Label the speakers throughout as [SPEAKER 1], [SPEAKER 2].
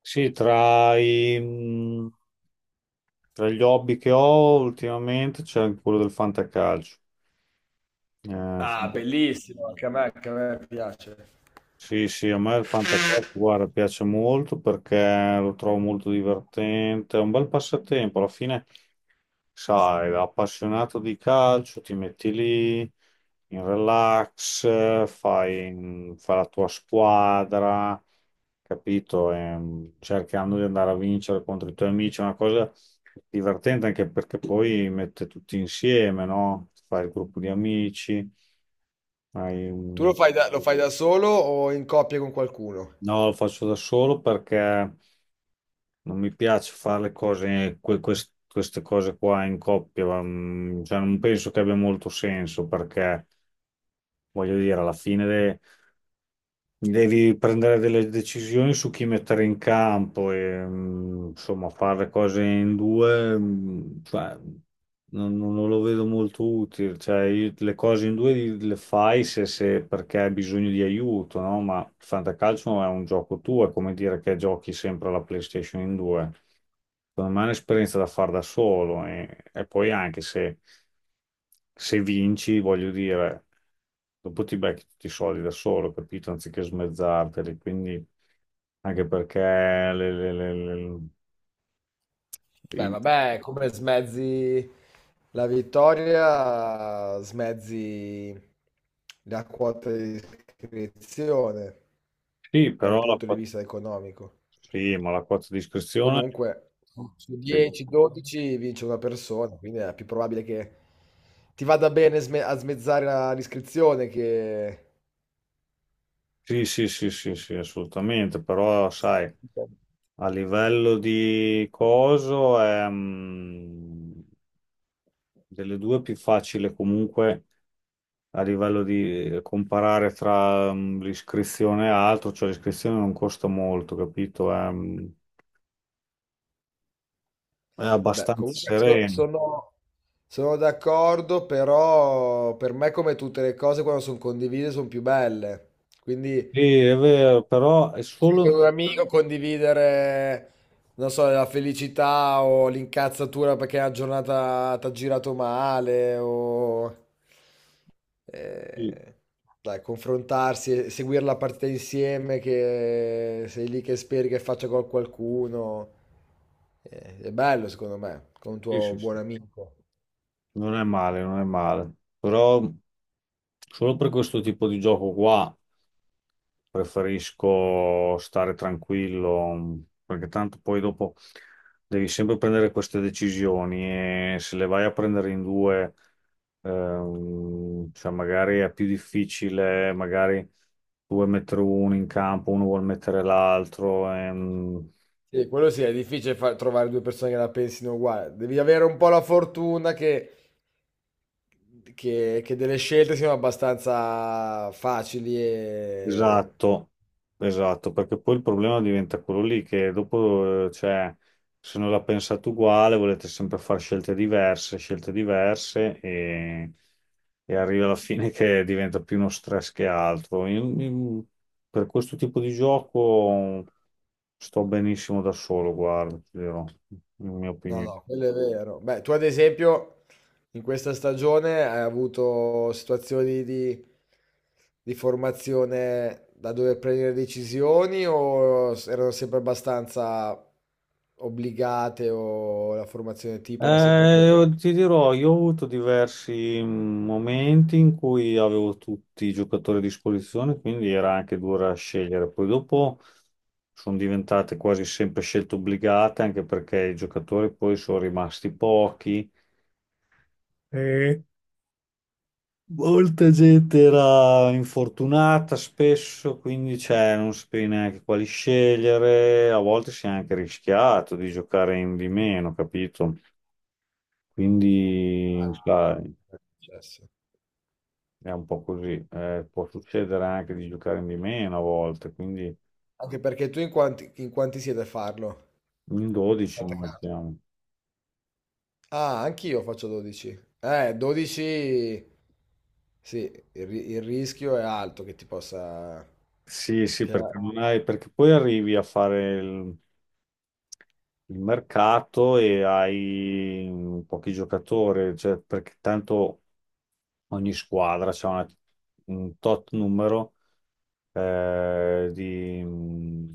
[SPEAKER 1] Sì, tra, i, mh, Tra gli hobby che ho ultimamente c'è anche quello del fantacalcio. Eh,
[SPEAKER 2] Ah,
[SPEAKER 1] fanta-
[SPEAKER 2] bellissimo, anche a me piace.
[SPEAKER 1] sì, sì, a me il fantacalcio, guarda, piace molto perché lo trovo molto divertente, è un bel passatempo. Alla fine sai, appassionato di calcio, ti metti lì in relax, fai la tua squadra, capito? Cercando di andare a vincere contro i tuoi amici, è una cosa divertente anche perché poi mette tutti insieme, no? Fai il gruppo di amici, hai
[SPEAKER 2] Tu lo
[SPEAKER 1] un-
[SPEAKER 2] fai lo fai da solo o in coppia con qualcuno?
[SPEAKER 1] no, lo faccio da solo perché. Non mi piace fare le cose, queste cose qua in coppia, cioè, non penso che abbia molto senso perché, voglio dire, devi prendere delle decisioni su chi mettere in campo e insomma, fare le cose in due, cioè, non lo vedo molto utile. Cioè, le cose in due le fai perché hai bisogno di aiuto, no? Ma il fantacalcio è un gioco tuo, è come dire che giochi sempre alla PlayStation in due. Secondo me è un'esperienza da fare da solo e poi anche se, se vinci, voglio dire, dopo ti becchi tutti i soldi da solo, capito? Anziché smezzarteli, quindi anche perché le-
[SPEAKER 2] Beh,
[SPEAKER 1] i-
[SPEAKER 2] vabbè, come smezzi la vittoria, smezzi la quota di iscrizione
[SPEAKER 1] sì,
[SPEAKER 2] da un punto di vista economico.
[SPEAKER 1] sì, ma la quota di iscrizione,
[SPEAKER 2] Comunque, su 10-12 vince una persona, quindi è più probabile che ti vada bene a smezzare l'iscrizione che...
[SPEAKER 1] sì, sì, sì, sì, sì, assolutamente, però sai, a livello di coso è... delle due è più facile comunque a livello di comparare tra l'iscrizione e altro, cioè l'iscrizione non costa molto, capito? È
[SPEAKER 2] Beh,
[SPEAKER 1] abbastanza
[SPEAKER 2] comunque so-
[SPEAKER 1] sereno.
[SPEAKER 2] sono, sono d'accordo, però per me come tutte le cose quando sono condivise sono più belle. Quindi
[SPEAKER 1] Sì, è vero, però è
[SPEAKER 2] anche con
[SPEAKER 1] solo...
[SPEAKER 2] un amico condividere, non so, la felicità o l'incazzatura perché la giornata ti ha girato male o...
[SPEAKER 1] Sì,
[SPEAKER 2] eh, dai, confrontarsi, e seguire la partita insieme che sei lì che speri che faccia gol qualcuno. È bello secondo me, con un
[SPEAKER 1] sì,
[SPEAKER 2] tuo
[SPEAKER 1] sì,
[SPEAKER 2] buon
[SPEAKER 1] sì.
[SPEAKER 2] amico.
[SPEAKER 1] Non è male, non è male. Però solo per questo tipo di gioco qua. Preferisco stare tranquillo, perché tanto poi dopo devi sempre prendere queste decisioni e se le vai a prendere in due, cioè magari è più difficile, magari tu vuoi mettere uno in campo, uno vuol mettere l'altro.
[SPEAKER 2] Sì, quello sì, è difficile trovare due persone che la pensino uguale. Devi avere un po' la fortuna che che delle scelte siano abbastanza facili e...
[SPEAKER 1] Esatto, esatto, perché poi il problema diventa quello lì che dopo, cioè, se non la pensate uguale, volete sempre fare scelte diverse e arriva alla fine che diventa più uno stress che altro. Io per questo tipo di gioco sto benissimo da solo, guarda, ti dirò, in mia
[SPEAKER 2] No,
[SPEAKER 1] opinione.
[SPEAKER 2] no, quello è quello... vero. Beh, tu ad esempio in questa stagione hai avuto situazioni di formazione da dover prendere decisioni o erano sempre abbastanza obbligate o la formazione tipo era sempre quella?
[SPEAKER 1] Io ti dirò, io ho avuto diversi momenti in cui avevo tutti i giocatori a disposizione, quindi era anche dura scegliere. Poi dopo sono diventate quasi sempre scelte obbligate, anche perché i giocatori poi sono rimasti pochi. E molta gente era infortunata spesso, quindi cioè, non sapevi neanche quali scegliere. A volte si è anche rischiato di giocare in di meno, capito? Quindi,
[SPEAKER 2] Ah,
[SPEAKER 1] sai.
[SPEAKER 2] è successo.
[SPEAKER 1] È un po' così. Può succedere anche di giocare di meno a volte, quindi
[SPEAKER 2] Anche perché tu in quanti siete a farlo?
[SPEAKER 1] in 12
[SPEAKER 2] Fate
[SPEAKER 1] noi
[SPEAKER 2] caso.
[SPEAKER 1] siamo.
[SPEAKER 2] Ah, anch'io faccio 12. 12... Sì, il rischio è alto che ti possa...
[SPEAKER 1] Sì, sì,
[SPEAKER 2] Che...
[SPEAKER 1] perché non hai, perché poi arrivi a fare il mercato e hai pochi giocatori, cioè, perché tanto ogni squadra un tot numero eh, di, mm,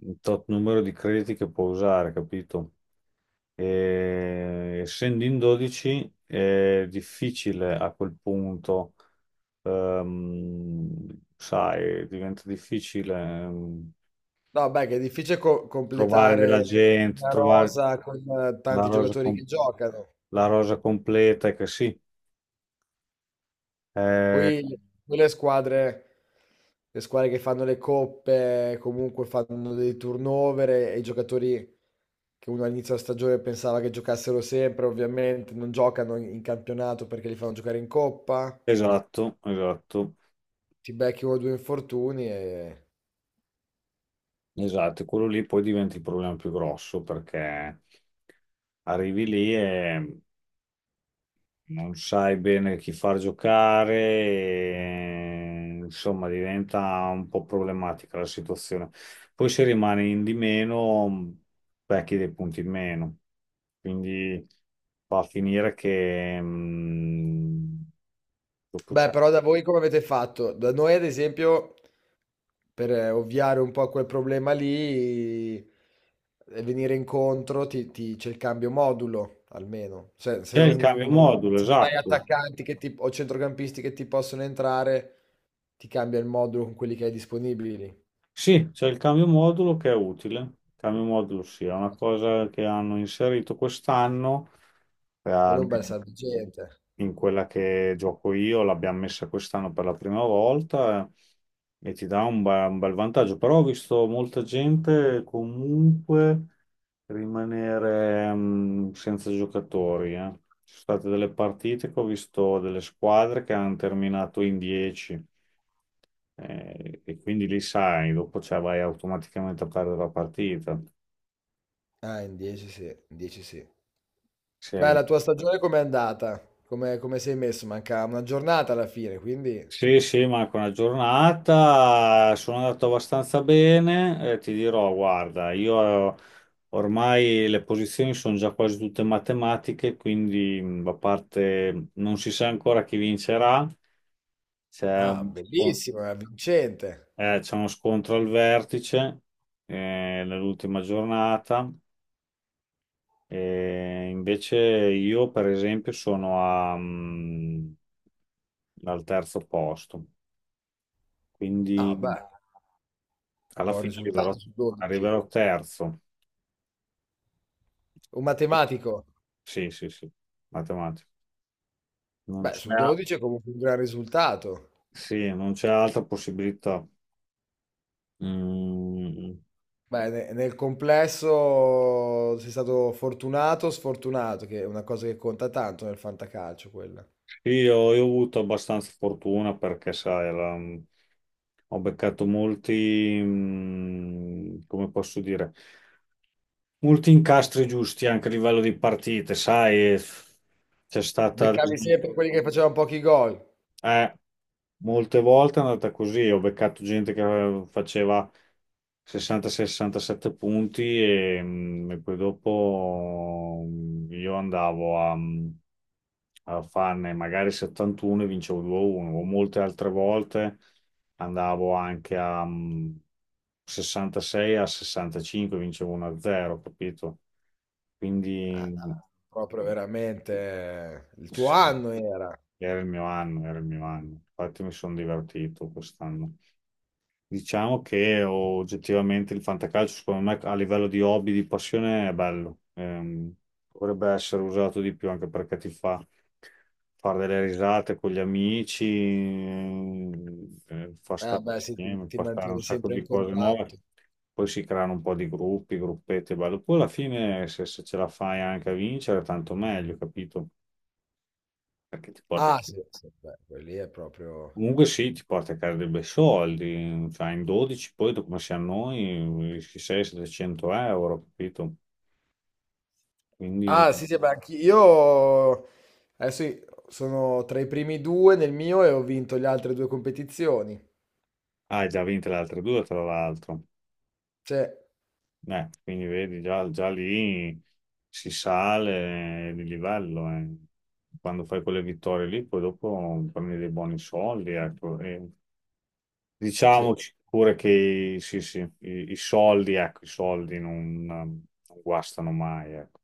[SPEAKER 1] un tot numero di crediti che può usare, capito? E, essendo in 12 è difficile a quel punto, ehm, sai, diventa difficile ehm,
[SPEAKER 2] No, beh, che è difficile
[SPEAKER 1] trovare della
[SPEAKER 2] completare
[SPEAKER 1] gente,
[SPEAKER 2] una
[SPEAKER 1] trovare
[SPEAKER 2] rosa con
[SPEAKER 1] la
[SPEAKER 2] tanti
[SPEAKER 1] rosa,
[SPEAKER 2] giocatori
[SPEAKER 1] com-
[SPEAKER 2] che giocano.
[SPEAKER 1] la rosa completa, che sì, eh,
[SPEAKER 2] Poi, poi le squadre che fanno le coppe, comunque fanno dei turnover e i giocatori che uno all'inizio della stagione pensava che giocassero sempre, ovviamente non giocano in campionato perché li fanno giocare in coppa.
[SPEAKER 1] esatto, esatto,
[SPEAKER 2] Ti becchi 1 o 2 infortuni e
[SPEAKER 1] esatto, e quello lì poi diventa il problema più grosso perché arrivi lì e non sai bene chi far giocare, e, insomma, diventa un po' problematica la situazione. Poi se rimani in di meno, becchi dei punti in meno, quindi va a finire che dopo
[SPEAKER 2] beh,
[SPEAKER 1] c'è
[SPEAKER 2] però da voi come avete fatto? Da noi ad esempio, per ovviare un po' a quel problema lì e venire incontro ti c'è il cambio modulo, almeno. Cioè, se
[SPEAKER 1] c'è il
[SPEAKER 2] non
[SPEAKER 1] cambio
[SPEAKER 2] non
[SPEAKER 1] modulo,
[SPEAKER 2] se non hai
[SPEAKER 1] esatto.
[SPEAKER 2] attaccanti che ti o centrocampisti che ti possono entrare, ti cambia il modulo con quelli che hai disponibili.
[SPEAKER 1] Sì, c'è il cambio modulo che è utile. Il cambio modulo sì, è una cosa che hanno inserito quest'anno, per
[SPEAKER 2] Quello è un bel
[SPEAKER 1] almeno
[SPEAKER 2] salvagente.
[SPEAKER 1] in quella che gioco io, l'abbiamo messa quest'anno per la prima volta e ti dà un bel vantaggio. Però ho visto molta gente comunque rimanere senza giocatori. Ci sono state delle partite che ho visto delle squadre che hanno terminato in 10 e quindi lì sai, dopo cioè, vai automaticamente a perdere la partita.
[SPEAKER 2] Ah, in 10 sì, in 10 sì.
[SPEAKER 1] Se
[SPEAKER 2] Beh, la tua stagione com'è andata? Come come sei messo? Manca una giornata alla fine, quindi
[SPEAKER 1] Sì, sì, Marco, una giornata, sono andato abbastanza bene, ti dirò, guarda, io ormai le posizioni sono già quasi tutte matematiche, quindi a parte non si sa ancora chi vincerà, c'è
[SPEAKER 2] ah,
[SPEAKER 1] un po-
[SPEAKER 2] bellissimo, è vincente.
[SPEAKER 1] c'è uno scontro al vertice eh, nell'ultima giornata, e invece io per esempio sono al terzo posto,
[SPEAKER 2] Ah,
[SPEAKER 1] quindi...
[SPEAKER 2] beh, un
[SPEAKER 1] Alla
[SPEAKER 2] buon
[SPEAKER 1] fine arriverò,
[SPEAKER 2] risultato su 12.
[SPEAKER 1] arriverò terzo.
[SPEAKER 2] Un
[SPEAKER 1] Arrivo-
[SPEAKER 2] matematico,
[SPEAKER 1] Sì, sì, sì, matematica. Non
[SPEAKER 2] beh,
[SPEAKER 1] c'è
[SPEAKER 2] su 12 è comunque un gran risultato.
[SPEAKER 1] sì, non c'è altra possibilità. Mm,
[SPEAKER 2] Beh, nel complesso sei stato fortunato o sfortunato, che è una cosa che conta tanto nel fantacalcio, quella.
[SPEAKER 1] sì, io ho avuto abbastanza fortuna perché, sai, ho beccato molti, come posso dire, molti incastri giusti anche a livello di partite, sai, c'è stata
[SPEAKER 2] Beccavi sempre quelli che facevano pochi gol.
[SPEAKER 1] Eh, molte volte è andata così, ho beccato gente che faceva 60-67 punti e poi dopo io andavo a farne magari 71 e vincevo 2-1, o molte altre volte andavo anche a 66 a 65 vincevo 1-0, capito?
[SPEAKER 2] Ah,
[SPEAKER 1] Quindi
[SPEAKER 2] proprio veramente il tuo
[SPEAKER 1] sì,
[SPEAKER 2] anno era.
[SPEAKER 1] era il mio anno, era il mio anno. Infatti mi sono divertito quest'anno. Diciamo che oggettivamente il fantacalcio, secondo me, a livello di hobby, di passione, è bello. Dovrebbe essere usato di più anche perché ti fa fare delle risate con gli amici, fa
[SPEAKER 2] Ah,
[SPEAKER 1] stare
[SPEAKER 2] beh, sì,
[SPEAKER 1] insieme,
[SPEAKER 2] ti
[SPEAKER 1] fa stare un
[SPEAKER 2] mantieni
[SPEAKER 1] sacco
[SPEAKER 2] sempre in
[SPEAKER 1] di cose nuove.
[SPEAKER 2] contatto.
[SPEAKER 1] Poi si creano un po' di gruppi, gruppetti, è bello. Poi alla fine, se, se ce la fai anche a vincere, tanto meglio, capito? Perché ti porta
[SPEAKER 2] Ah, sì, sì, beh, quelli è proprio...
[SPEAKER 1] comunque sì, ti porta a casa dei bei soldi, cioè in 12 poi dopo come siamo noi, 600-700 euro, capito? Quindi
[SPEAKER 2] Ah, sì, sì, beh, anch'io adesso sono tra i primi due nel mio e ho vinto le altre due competizioni.
[SPEAKER 1] ah, hai già vinto le altre due tra l'altro.
[SPEAKER 2] Sì,
[SPEAKER 1] Quindi vedi, già, già lì si sale di livello. Quando fai quelle vittorie lì, poi dopo prendi dei buoni soldi, ecco. E
[SPEAKER 2] sì.
[SPEAKER 1] diciamoci pure che sì, sì, i soldi, ecco, i soldi non guastano mai, ecco.